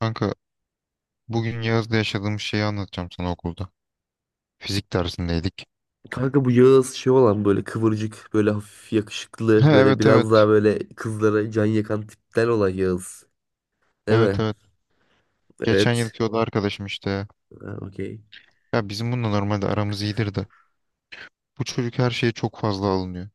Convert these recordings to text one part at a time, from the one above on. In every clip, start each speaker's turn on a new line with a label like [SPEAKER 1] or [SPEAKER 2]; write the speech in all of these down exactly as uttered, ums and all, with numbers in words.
[SPEAKER 1] Kanka, bugün yazda yaşadığım şeyi anlatacağım sana okulda. Fizik dersindeydik.
[SPEAKER 2] Kanka bu Yağız şey olan böyle kıvırcık, böyle hafif
[SPEAKER 1] He,
[SPEAKER 2] yakışıklı, böyle
[SPEAKER 1] evet,
[SPEAKER 2] biraz
[SPEAKER 1] evet.
[SPEAKER 2] daha böyle kızlara can yakan tipten olan Yağız. Değil
[SPEAKER 1] Evet,
[SPEAKER 2] mi?
[SPEAKER 1] evet. Geçen
[SPEAKER 2] Evet.
[SPEAKER 1] yılki o da arkadaşım işte.
[SPEAKER 2] Ha, okey.
[SPEAKER 1] Ya bizim bununla normalde aramız iyidir de. Bu çocuk her şeye çok fazla alınıyor.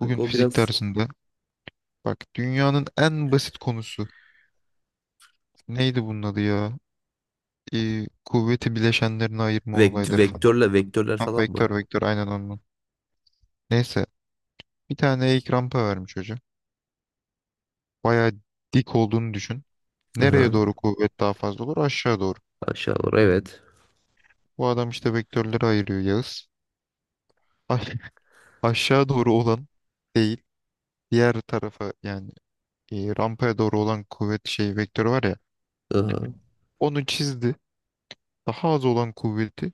[SPEAKER 1] Bugün
[SPEAKER 2] o
[SPEAKER 1] fizik
[SPEAKER 2] biraz
[SPEAKER 1] dersinde, bak, dünyanın en basit konusu. Neydi bunun adı ya? Ee, kuvveti bileşenlerine ayırma
[SPEAKER 2] vekt
[SPEAKER 1] olayları falan
[SPEAKER 2] vektörle
[SPEAKER 1] filan.
[SPEAKER 2] vektörler
[SPEAKER 1] Ha,
[SPEAKER 2] falan mı?
[SPEAKER 1] vektör vektör aynen onun. Neyse, bir tane eğik rampa vermiş hoca. Bayağı dik olduğunu düşün. Nereye
[SPEAKER 2] Aha.
[SPEAKER 1] doğru kuvvet daha fazla olur? Aşağı doğru.
[SPEAKER 2] Aşağı doğru, evet.
[SPEAKER 1] Bu adam işte vektörleri ayırıyor Yağız. Ay- Aşağı doğru olan değil, diğer tarafa yani, e, rampaya doğru olan kuvvet şey vektörü var ya.
[SPEAKER 2] Aha.
[SPEAKER 1] Onu çizdi. Daha az olan kuvveti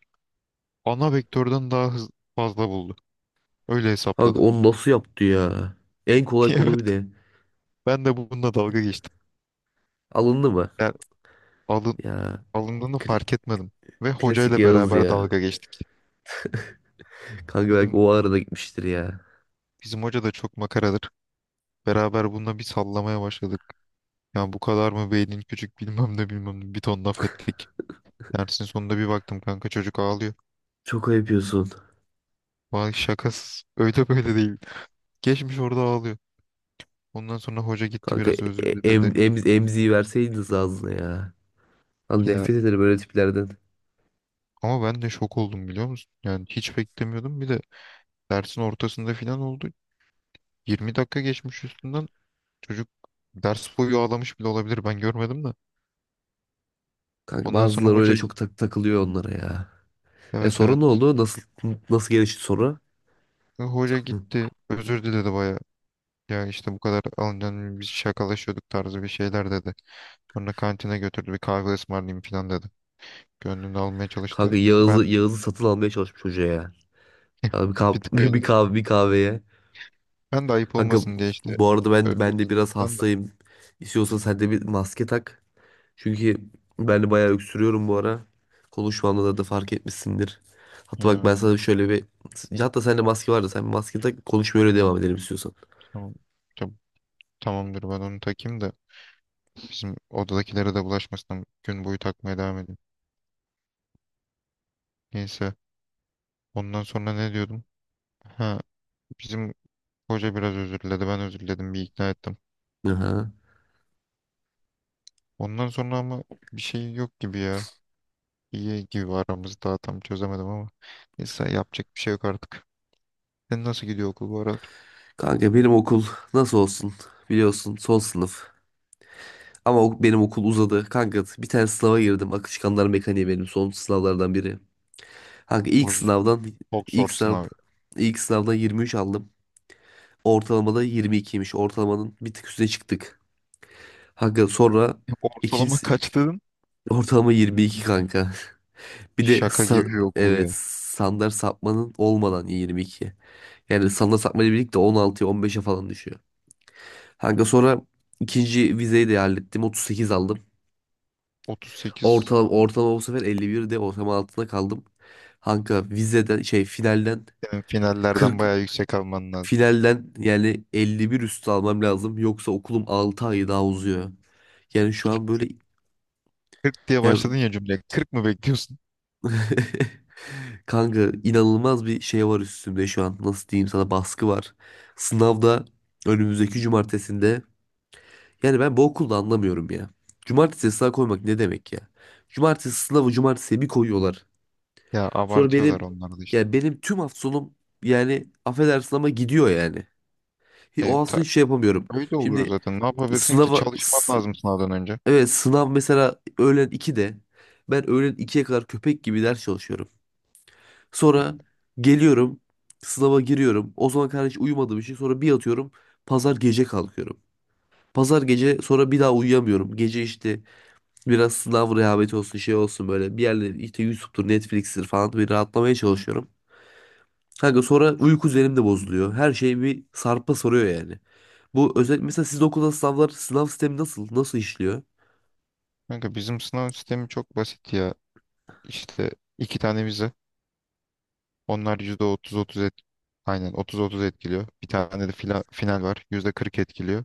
[SPEAKER 1] ana vektörden daha hız- fazla buldu. Öyle
[SPEAKER 2] Kanka
[SPEAKER 1] hesapladı.
[SPEAKER 2] onu nasıl yaptı ya? En kolay konu
[SPEAKER 1] Evet.
[SPEAKER 2] bir de.
[SPEAKER 1] Ben de bununla dalga geçtim.
[SPEAKER 2] Alındı mı?
[SPEAKER 1] Yani alın,
[SPEAKER 2] Ya
[SPEAKER 1] alındığını
[SPEAKER 2] kl-
[SPEAKER 1] fark etmedim. Ve
[SPEAKER 2] klasik
[SPEAKER 1] hocayla
[SPEAKER 2] Yağız
[SPEAKER 1] beraber
[SPEAKER 2] ya.
[SPEAKER 1] dalga geçtik.
[SPEAKER 2] Kanka
[SPEAKER 1] Bizim
[SPEAKER 2] belki o arada gitmiştir ya.
[SPEAKER 1] bizim hoca da çok makaradır. Beraber bununla bir sallamaya başladık. Yani bu kadar mı beynin küçük, bilmem ne bilmem ne, bir ton laf ettik. Dersin sonunda bir baktım, kanka, çocuk ağlıyor.
[SPEAKER 2] Çok ayıp yapıyorsun.
[SPEAKER 1] Vay şakasız. Öyle böyle değil. Geçmiş orada ağlıyor. Ondan sonra hoca gitti,
[SPEAKER 2] Kanka
[SPEAKER 1] biraz özür
[SPEAKER 2] e- em
[SPEAKER 1] diledi.
[SPEAKER 2] em emziği verseydiniz ağzına ya. Lan
[SPEAKER 1] Ya,
[SPEAKER 2] nefret ederim öyle tiplerden.
[SPEAKER 1] ama ben de şok oldum, biliyor musun? Yani hiç beklemiyordum. Bir de dersin ortasında falan oldu. yirmi dakika geçmiş üstünden. Çocuk ders boyu ağlamış bile olabilir. Ben görmedim de.
[SPEAKER 2] Kanka
[SPEAKER 1] Ondan sonra
[SPEAKER 2] bazıları
[SPEAKER 1] hoca,
[SPEAKER 2] öyle çok tak takılıyor onlara ya. E,
[SPEAKER 1] evet,
[SPEAKER 2] sonra
[SPEAKER 1] evet.
[SPEAKER 2] ne oldu? Nasıl nasıl gelişti sonra?
[SPEAKER 1] Hoca
[SPEAKER 2] Hı.
[SPEAKER 1] gitti. Özür diledi baya. Ya işte bu kadar alınca biz şakalaşıyorduk tarzı bir şeyler dedi. Sonra kantine götürdü, bir kahve ısmarlayayım falan dedi. Gönlümde almaya çalıştı.
[SPEAKER 2] Kanka
[SPEAKER 1] Ben
[SPEAKER 2] Yağız'ı Yağız'ı satın almaya çalışmış hoca ya. Ya bir
[SPEAKER 1] bir tık
[SPEAKER 2] kahve,
[SPEAKER 1] öyle
[SPEAKER 2] bir
[SPEAKER 1] oldum.
[SPEAKER 2] kahve, bir kahveye.
[SPEAKER 1] Ben de ayıp
[SPEAKER 2] Kanka
[SPEAKER 1] olmasın diye işte
[SPEAKER 2] bu arada ben
[SPEAKER 1] özür
[SPEAKER 2] ben de
[SPEAKER 1] diledim
[SPEAKER 2] biraz
[SPEAKER 1] falan da.
[SPEAKER 2] hastayım. İstiyorsan sen de bir maske tak. Çünkü ben de bayağı öksürüyorum bu ara. Konuşmamda da, da fark etmişsindir. Hatta bak,
[SPEAKER 1] Ha,
[SPEAKER 2] ben sana şöyle bir... Hatta sende maske vardı. Sen bir maske tak, konuşmaya öyle devam edelim istiyorsan.
[SPEAKER 1] tamam. Tam- Tamamdır, ben onu takayım da bizim odadakilere de bulaşmasın. Gün boyu takmaya devam edeyim. Neyse. Ondan sonra ne diyordum? Ha, bizim hoca biraz özür diledi. Ben özür diledim. Bir ikna ettim.
[SPEAKER 2] Aha.
[SPEAKER 1] Ondan sonra ama bir şey yok gibi ya. İyi gibi aramızda. Daha tam çözemedim ama. Neyse, yapacak bir şey yok artık. Sen, nasıl gidiyor okul bu arada?
[SPEAKER 2] Kanka benim okul nasıl olsun, biliyorsun, son sınıf. Ama ok- benim okul uzadı. Kanka bir tane sınava girdim. Akışkanlar mekaniği benim son sınavlardan biri. Kanka ilk
[SPEAKER 1] Boz,
[SPEAKER 2] sınavdan
[SPEAKER 1] çok zor
[SPEAKER 2] ilk sınav
[SPEAKER 1] sınav.
[SPEAKER 2] ilk sınavdan yirmi üç aldım. Ortalamada yirmi ikiymiş. Ortalamanın bir tık üstüne çıktık. Kanka sonra ikinci
[SPEAKER 1] Ortalama kaç dedin?
[SPEAKER 2] ortalama yirmi iki kanka. Bir de
[SPEAKER 1] Şaka
[SPEAKER 2] sa-
[SPEAKER 1] gibi bir okul
[SPEAKER 2] evet,
[SPEAKER 1] ya.
[SPEAKER 2] standart sapmanın olmadan yirmi iki. Yani standart sapmayla birlikte on altıya on beşe falan düşüyor. Kanka sonra ikinci vizeyi de hallettim. otuz sekiz aldım.
[SPEAKER 1] otuz sekiz,
[SPEAKER 2] Ortalama, ortalama bu sefer elli bir de ortalama altında kaldım. Kanka vizeden şey finalden
[SPEAKER 1] senin finallerden
[SPEAKER 2] kırk,
[SPEAKER 1] bayağı yüksek alman lazım.
[SPEAKER 2] finalden yani elli bir üstü almam lazım. Yoksa okulum altı ay daha uzuyor. Yani şu
[SPEAKER 1] Peki,
[SPEAKER 2] an böyle
[SPEAKER 1] kırk diye
[SPEAKER 2] yani
[SPEAKER 1] başladın ya cümleye. kırk mı bekliyorsun?
[SPEAKER 2] kanka inanılmaz bir şey var üstümde şu an. Nasıl diyeyim sana, baskı var. Sınavda önümüzdeki cumartesinde. Yani ben bu okulda anlamıyorum ya. Cumartesi sınav koymak ne demek ya? Cumartesi sınavı cumartesiye bir koyuyorlar.
[SPEAKER 1] Ya,
[SPEAKER 2] Sonra
[SPEAKER 1] abartıyorlar
[SPEAKER 2] benim
[SPEAKER 1] onlar da işte.
[SPEAKER 2] yani benim tüm hafta sonum, yani affedersin ama gidiyor yani. Hi- O
[SPEAKER 1] E,
[SPEAKER 2] hafta
[SPEAKER 1] ta-
[SPEAKER 2] sonu hiç şey yapamıyorum.
[SPEAKER 1] Öyle oluyor
[SPEAKER 2] Şimdi
[SPEAKER 1] zaten. Ne yapabilirsin ki?
[SPEAKER 2] sınava
[SPEAKER 1] Çalışman
[SPEAKER 2] s-
[SPEAKER 1] lazım sınavdan önce.
[SPEAKER 2] evet, sınav mesela öğlen ikide, ben öğlen ikiye kadar köpek gibi ders çalışıyorum. Sonra geliyorum, sınava giriyorum. O zaman kadar hiç uyumadığım için sonra bir yatıyorum. Pazar gece kalkıyorum. Pazar gece sonra bir daha uyuyamıyorum. Gece işte biraz sınav rehaveti olsun, şey olsun, böyle bir yerleri işte YouTube'dur, Netflix'tir falan bir rahatlamaya çalışıyorum. Kanka sonra uyku üzerim de bozuluyor. Her şey bir sarpa soruyor yani. Bu özellikle mesela sizin okulda sınavlar sınav sistemi nasıl nasıl işliyor?
[SPEAKER 1] Kanka, bizim sınav sistemi çok basit ya. İşte iki tane vize. Onlar yüzde otuz otuz et aynen otuz otuz etkiliyor. Bir tane de fila- final var. yüzde kırk etkiliyor.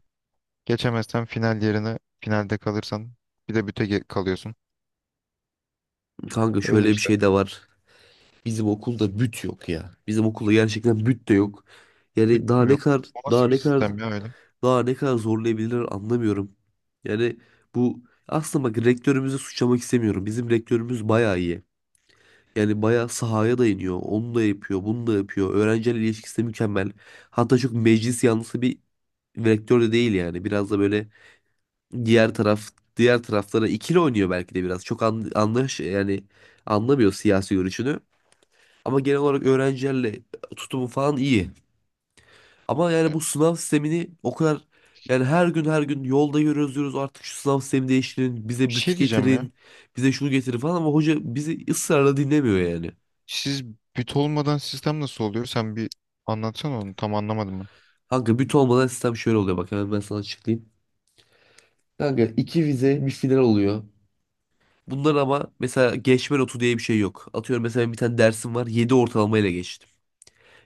[SPEAKER 1] Geçemezsen, final yerine finalde kalırsan, bir de büte ge- kalıyorsun.
[SPEAKER 2] Kanka
[SPEAKER 1] Öyle
[SPEAKER 2] şöyle bir
[SPEAKER 1] işte.
[SPEAKER 2] şey de var. Bizim okulda büt yok ya. Bizim okulda gerçekten büt de yok. Yani daha ne
[SPEAKER 1] Bitmiyor.
[SPEAKER 2] kadar
[SPEAKER 1] O
[SPEAKER 2] daha
[SPEAKER 1] nasıl bir
[SPEAKER 2] ne kadar
[SPEAKER 1] sistem ya öyle? Bir
[SPEAKER 2] daha ne kadar zorlayabilirler anlamıyorum. Yani bu, aslında bak, rektörümüzü suçlamak istemiyorum. Bizim rektörümüz bayağı iyi. Yani bayağı sahaya da iniyor. Onu da yapıyor, bunu da yapıyor. Öğrencilerle ilişkisi de mükemmel. Hatta çok meclis yanlısı bir vektör de değil yani. Biraz da böyle diğer taraf diğer taraflara ikili oynuyor belki de biraz. Çok an, anlaş yani anlamıyor siyasi görüşünü. Ama genel olarak öğrencilerle tutumu falan iyi. Ama yani bu sınav sistemini o kadar yani her gün her gün yolda yürüyoruz diyoruz, artık şu sınav sistemi değiştirin, bize bütü
[SPEAKER 1] şey diyeceğim ya.
[SPEAKER 2] getirin, bize şunu getirin falan, ama hoca bizi ısrarla dinlemiyor yani.
[SPEAKER 1] Siz bit olmadan sistem nasıl oluyor? Sen bir anlatsana onu. Tam anlamadım ben.
[SPEAKER 2] Kanka büt olmadan sistem şöyle oluyor, bak hemen ben sana açıklayayım. Kanka iki vize bir final oluyor. Bunlar ama mesela geçme notu diye bir şey yok. Atıyorum mesela bir tane dersim var, yedi ortalamayla geçtim.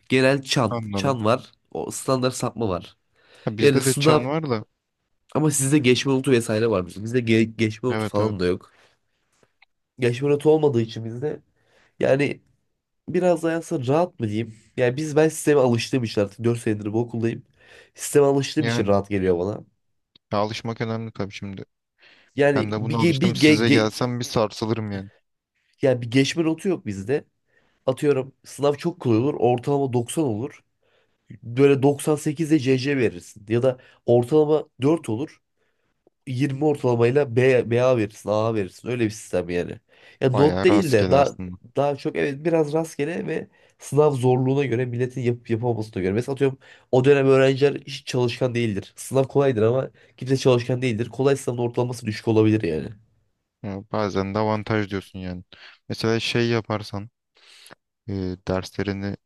[SPEAKER 2] Genel çan.
[SPEAKER 1] Anladım.
[SPEAKER 2] Çan var. O standart sapma var.
[SPEAKER 1] Ha,
[SPEAKER 2] Yani
[SPEAKER 1] bizde de
[SPEAKER 2] sınav,
[SPEAKER 1] çan var da.
[SPEAKER 2] ama sizde geçme notu vesaire var. Bizde ge- geçme notu
[SPEAKER 1] Evet, evet.
[SPEAKER 2] falan da yok. Geçme notu olmadığı için bizde yani biraz daha aslında rahat mı diyeyim. Yani biz ben sisteme alıştığım için artık dört senedir bu okuldayım. Sisteme alıştığım için
[SPEAKER 1] Yani,
[SPEAKER 2] rahat geliyor bana.
[SPEAKER 1] ya, alışmak önemli tabii şimdi.
[SPEAKER 2] Yani
[SPEAKER 1] Ben de buna
[SPEAKER 2] bir, ge-
[SPEAKER 1] alıştım.
[SPEAKER 2] bir ge-
[SPEAKER 1] Size
[SPEAKER 2] ge-
[SPEAKER 1] gelsem bir sarsılırım yani.
[SPEAKER 2] Yani bir geçme notu yok bizde. Atıyorum sınav çok kolay olur. Ortalama doksan olur. Böyle doksan sekizde C C verirsin. Ya da ortalama dört olur. yirmi ortalamayla B, BA verirsin. A A verirsin. Öyle bir sistem yani. Ya not
[SPEAKER 1] Bayağı
[SPEAKER 2] değil de
[SPEAKER 1] rastgele
[SPEAKER 2] daha
[SPEAKER 1] aslında.
[SPEAKER 2] daha çok, evet, biraz rastgele ve sınav zorluğuna göre, milletin yapıp yapamamasına göre. Mesela atıyorum o dönem öğrenciler hiç çalışkan değildir. Sınav kolaydır ama kimse çalışkan değildir. Kolay sınavın ortalaması düşük olabilir yani.
[SPEAKER 1] Ya, bazen de avantaj diyorsun yani. Mesela şey yaparsan, e, derslerini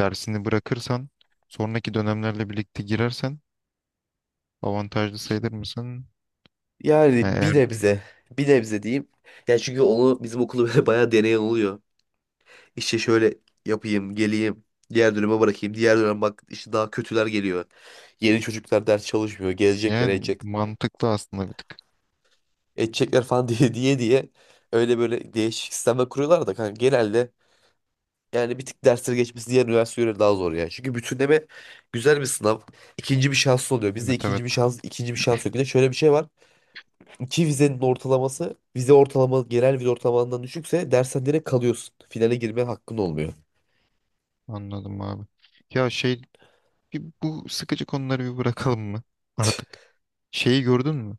[SPEAKER 1] dersini bırakırsan, sonraki dönemlerle birlikte girersen avantajlı sayılır mısın?
[SPEAKER 2] Yani bir
[SPEAKER 1] E,
[SPEAKER 2] nebze. Bir nebze diyeyim. Yani çünkü onu bizim okulda böyle bayağı deneyen oluyor. İşte şöyle yapayım, geleyim. Diğer döneme bırakayım. Diğer dönem bak işte daha kötüler geliyor. Yeni çocuklar ders çalışmıyor. Gezecekler,
[SPEAKER 1] yani
[SPEAKER 2] edecek,
[SPEAKER 1] mantıklı aslında bir tık.
[SPEAKER 2] edecekler falan diye diye diye. Öyle böyle değişik sistemler kuruyorlar da kanka genelde yani bir tık dersleri geçmesi diğer üniversitelere daha zor ya. Çünkü bütünleme güzel bir sınav. İkinci bir şans oluyor. Bizde
[SPEAKER 1] Evet,
[SPEAKER 2] ikinci
[SPEAKER 1] evet,
[SPEAKER 2] bir şans, ikinci bir şans yok. Bir de şöyle bir şey var. İki vizenin ortalaması, vize ortalama genel vize ortalamandan düşükse dersen direkt kalıyorsun. Finale girme hakkın olmuyor.
[SPEAKER 1] anladım abi. Ya, şey, bir- bu sıkıcı konuları bir bırakalım mı artık? Şeyi gördün mü?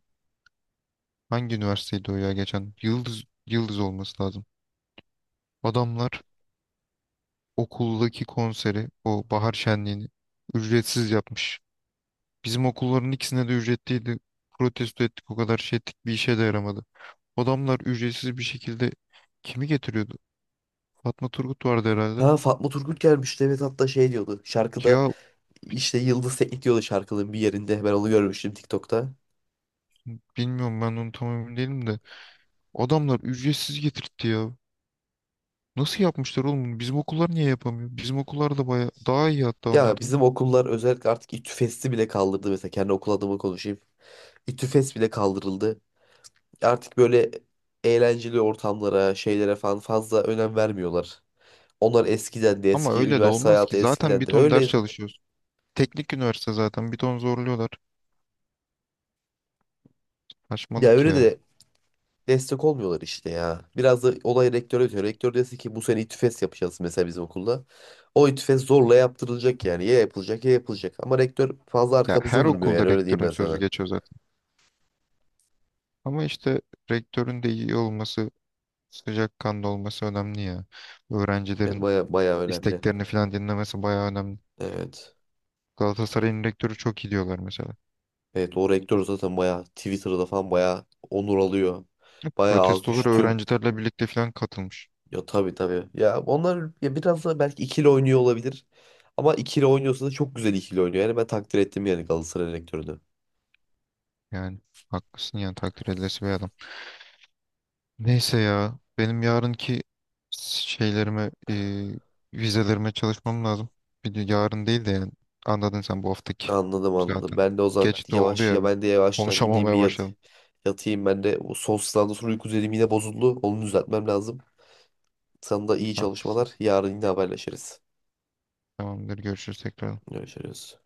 [SPEAKER 1] Hangi üniversiteydi o ya geçen? Yıldız Yıldız olması lazım. Adamlar okuldaki konseri, o bahar şenliğini, ücretsiz yapmış. Bizim okulların ikisine de ücretliydi. Protesto ettik, o kadar şey ettik, bir işe de yaramadı. Adamlar ücretsiz bir şekilde kimi getiriyordu? Fatma Turgut vardı herhalde.
[SPEAKER 2] Ha, Fatma Turgut gelmişti, evet, hatta şey diyordu şarkıda,
[SPEAKER 1] Ya
[SPEAKER 2] işte Yıldız Teknik diyordu şarkının bir yerinde, ben onu görmüştüm TikTok'ta.
[SPEAKER 1] bilmiyorum, ben onu tam emin değilim de. Adamlar ücretsiz getirtti ya. Nasıl yapmışlar oğlum bunu? Bizim okullar niye yapamıyor? Bizim okullar da baya daha iyi hatta
[SPEAKER 2] Ya
[SPEAKER 1] onlardan.
[SPEAKER 2] bizim okullar özellikle artık İTÜFES'i bile kaldırdı mesela, kendi okul adıma konuşayım. İTÜFES bile kaldırıldı. Artık böyle eğlenceli ortamlara, şeylere falan fazla önem vermiyorlar. Onlar eskiden de
[SPEAKER 1] Ama
[SPEAKER 2] eski,
[SPEAKER 1] öyle de
[SPEAKER 2] üniversite
[SPEAKER 1] olmaz ki.
[SPEAKER 2] hayatı
[SPEAKER 1] Zaten
[SPEAKER 2] eskiden
[SPEAKER 1] bir
[SPEAKER 2] de
[SPEAKER 1] ton ders
[SPEAKER 2] öyleydi.
[SPEAKER 1] çalışıyoruz. Teknik üniversite, zaten bir ton zorluyorlar.
[SPEAKER 2] Ya
[SPEAKER 1] Saçmalık
[SPEAKER 2] öyle
[SPEAKER 1] ya.
[SPEAKER 2] de destek olmuyorlar işte ya. Biraz da olay rektöre ötüyor. Rektör dese ki bu sene İTÜFES yapacağız mesela bizim okulda. O İTÜFES zorla yaptırılacak yani. Ya yapılacak ya yapılacak. Ama rektör fazla
[SPEAKER 1] Ya,
[SPEAKER 2] arkamızda
[SPEAKER 1] her
[SPEAKER 2] durmuyor
[SPEAKER 1] okulda
[SPEAKER 2] yani, öyle diyeyim
[SPEAKER 1] rektörün
[SPEAKER 2] ben
[SPEAKER 1] sözü
[SPEAKER 2] sana.
[SPEAKER 1] geçiyor zaten. Ama işte rektörün de iyi olması, sıcakkanlı olması önemli ya.
[SPEAKER 2] Evet,
[SPEAKER 1] Öğrencilerin
[SPEAKER 2] baya baya önemli.
[SPEAKER 1] isteklerini falan dinlemesi bayağı önemli.
[SPEAKER 2] Evet.
[SPEAKER 1] Galatasaray'ın rektörü çok iyi diyorlar mesela.
[SPEAKER 2] Evet, o rektör zaten baya Twitter'da falan baya onur alıyor. Baya alkış
[SPEAKER 1] Protestolara
[SPEAKER 2] tüm.
[SPEAKER 1] öğrencilerle birlikte falan katılmış.
[SPEAKER 2] Ya tabii, tabii. Ya onlar ya, biraz da belki ikili oynuyor olabilir. Ama ikili oynuyorsa da çok güzel ikili oynuyor. Yani ben takdir ettim yani Galatasaray rektörünü.
[SPEAKER 1] Yani haklısın, yani takdir edilesi bir adam. Neyse ya, benim yarınki şeylerime, e, vizelerime çalışmam lazım. Bir de yarın değil de yani, anladın sen, bu haftaki.
[SPEAKER 2] Anladım, anladım.
[SPEAKER 1] Zaten
[SPEAKER 2] Ben de o zaman
[SPEAKER 1] geç de oldu
[SPEAKER 2] yavaş
[SPEAKER 1] ya,
[SPEAKER 2] ya, ben de yavaştan gideyim bir
[SPEAKER 1] konuşamamaya
[SPEAKER 2] yat,
[SPEAKER 1] başladım.
[SPEAKER 2] yatayım. Ben de bu son sınavdan sonra uyku düzenim yine bozuldu. Onu düzeltmem lazım. Sana da iyi
[SPEAKER 1] Haklısın.
[SPEAKER 2] çalışmalar. Yarın yine haberleşiriz.
[SPEAKER 1] Tamamdır, görüşürüz tekrar.
[SPEAKER 2] Görüşürüz.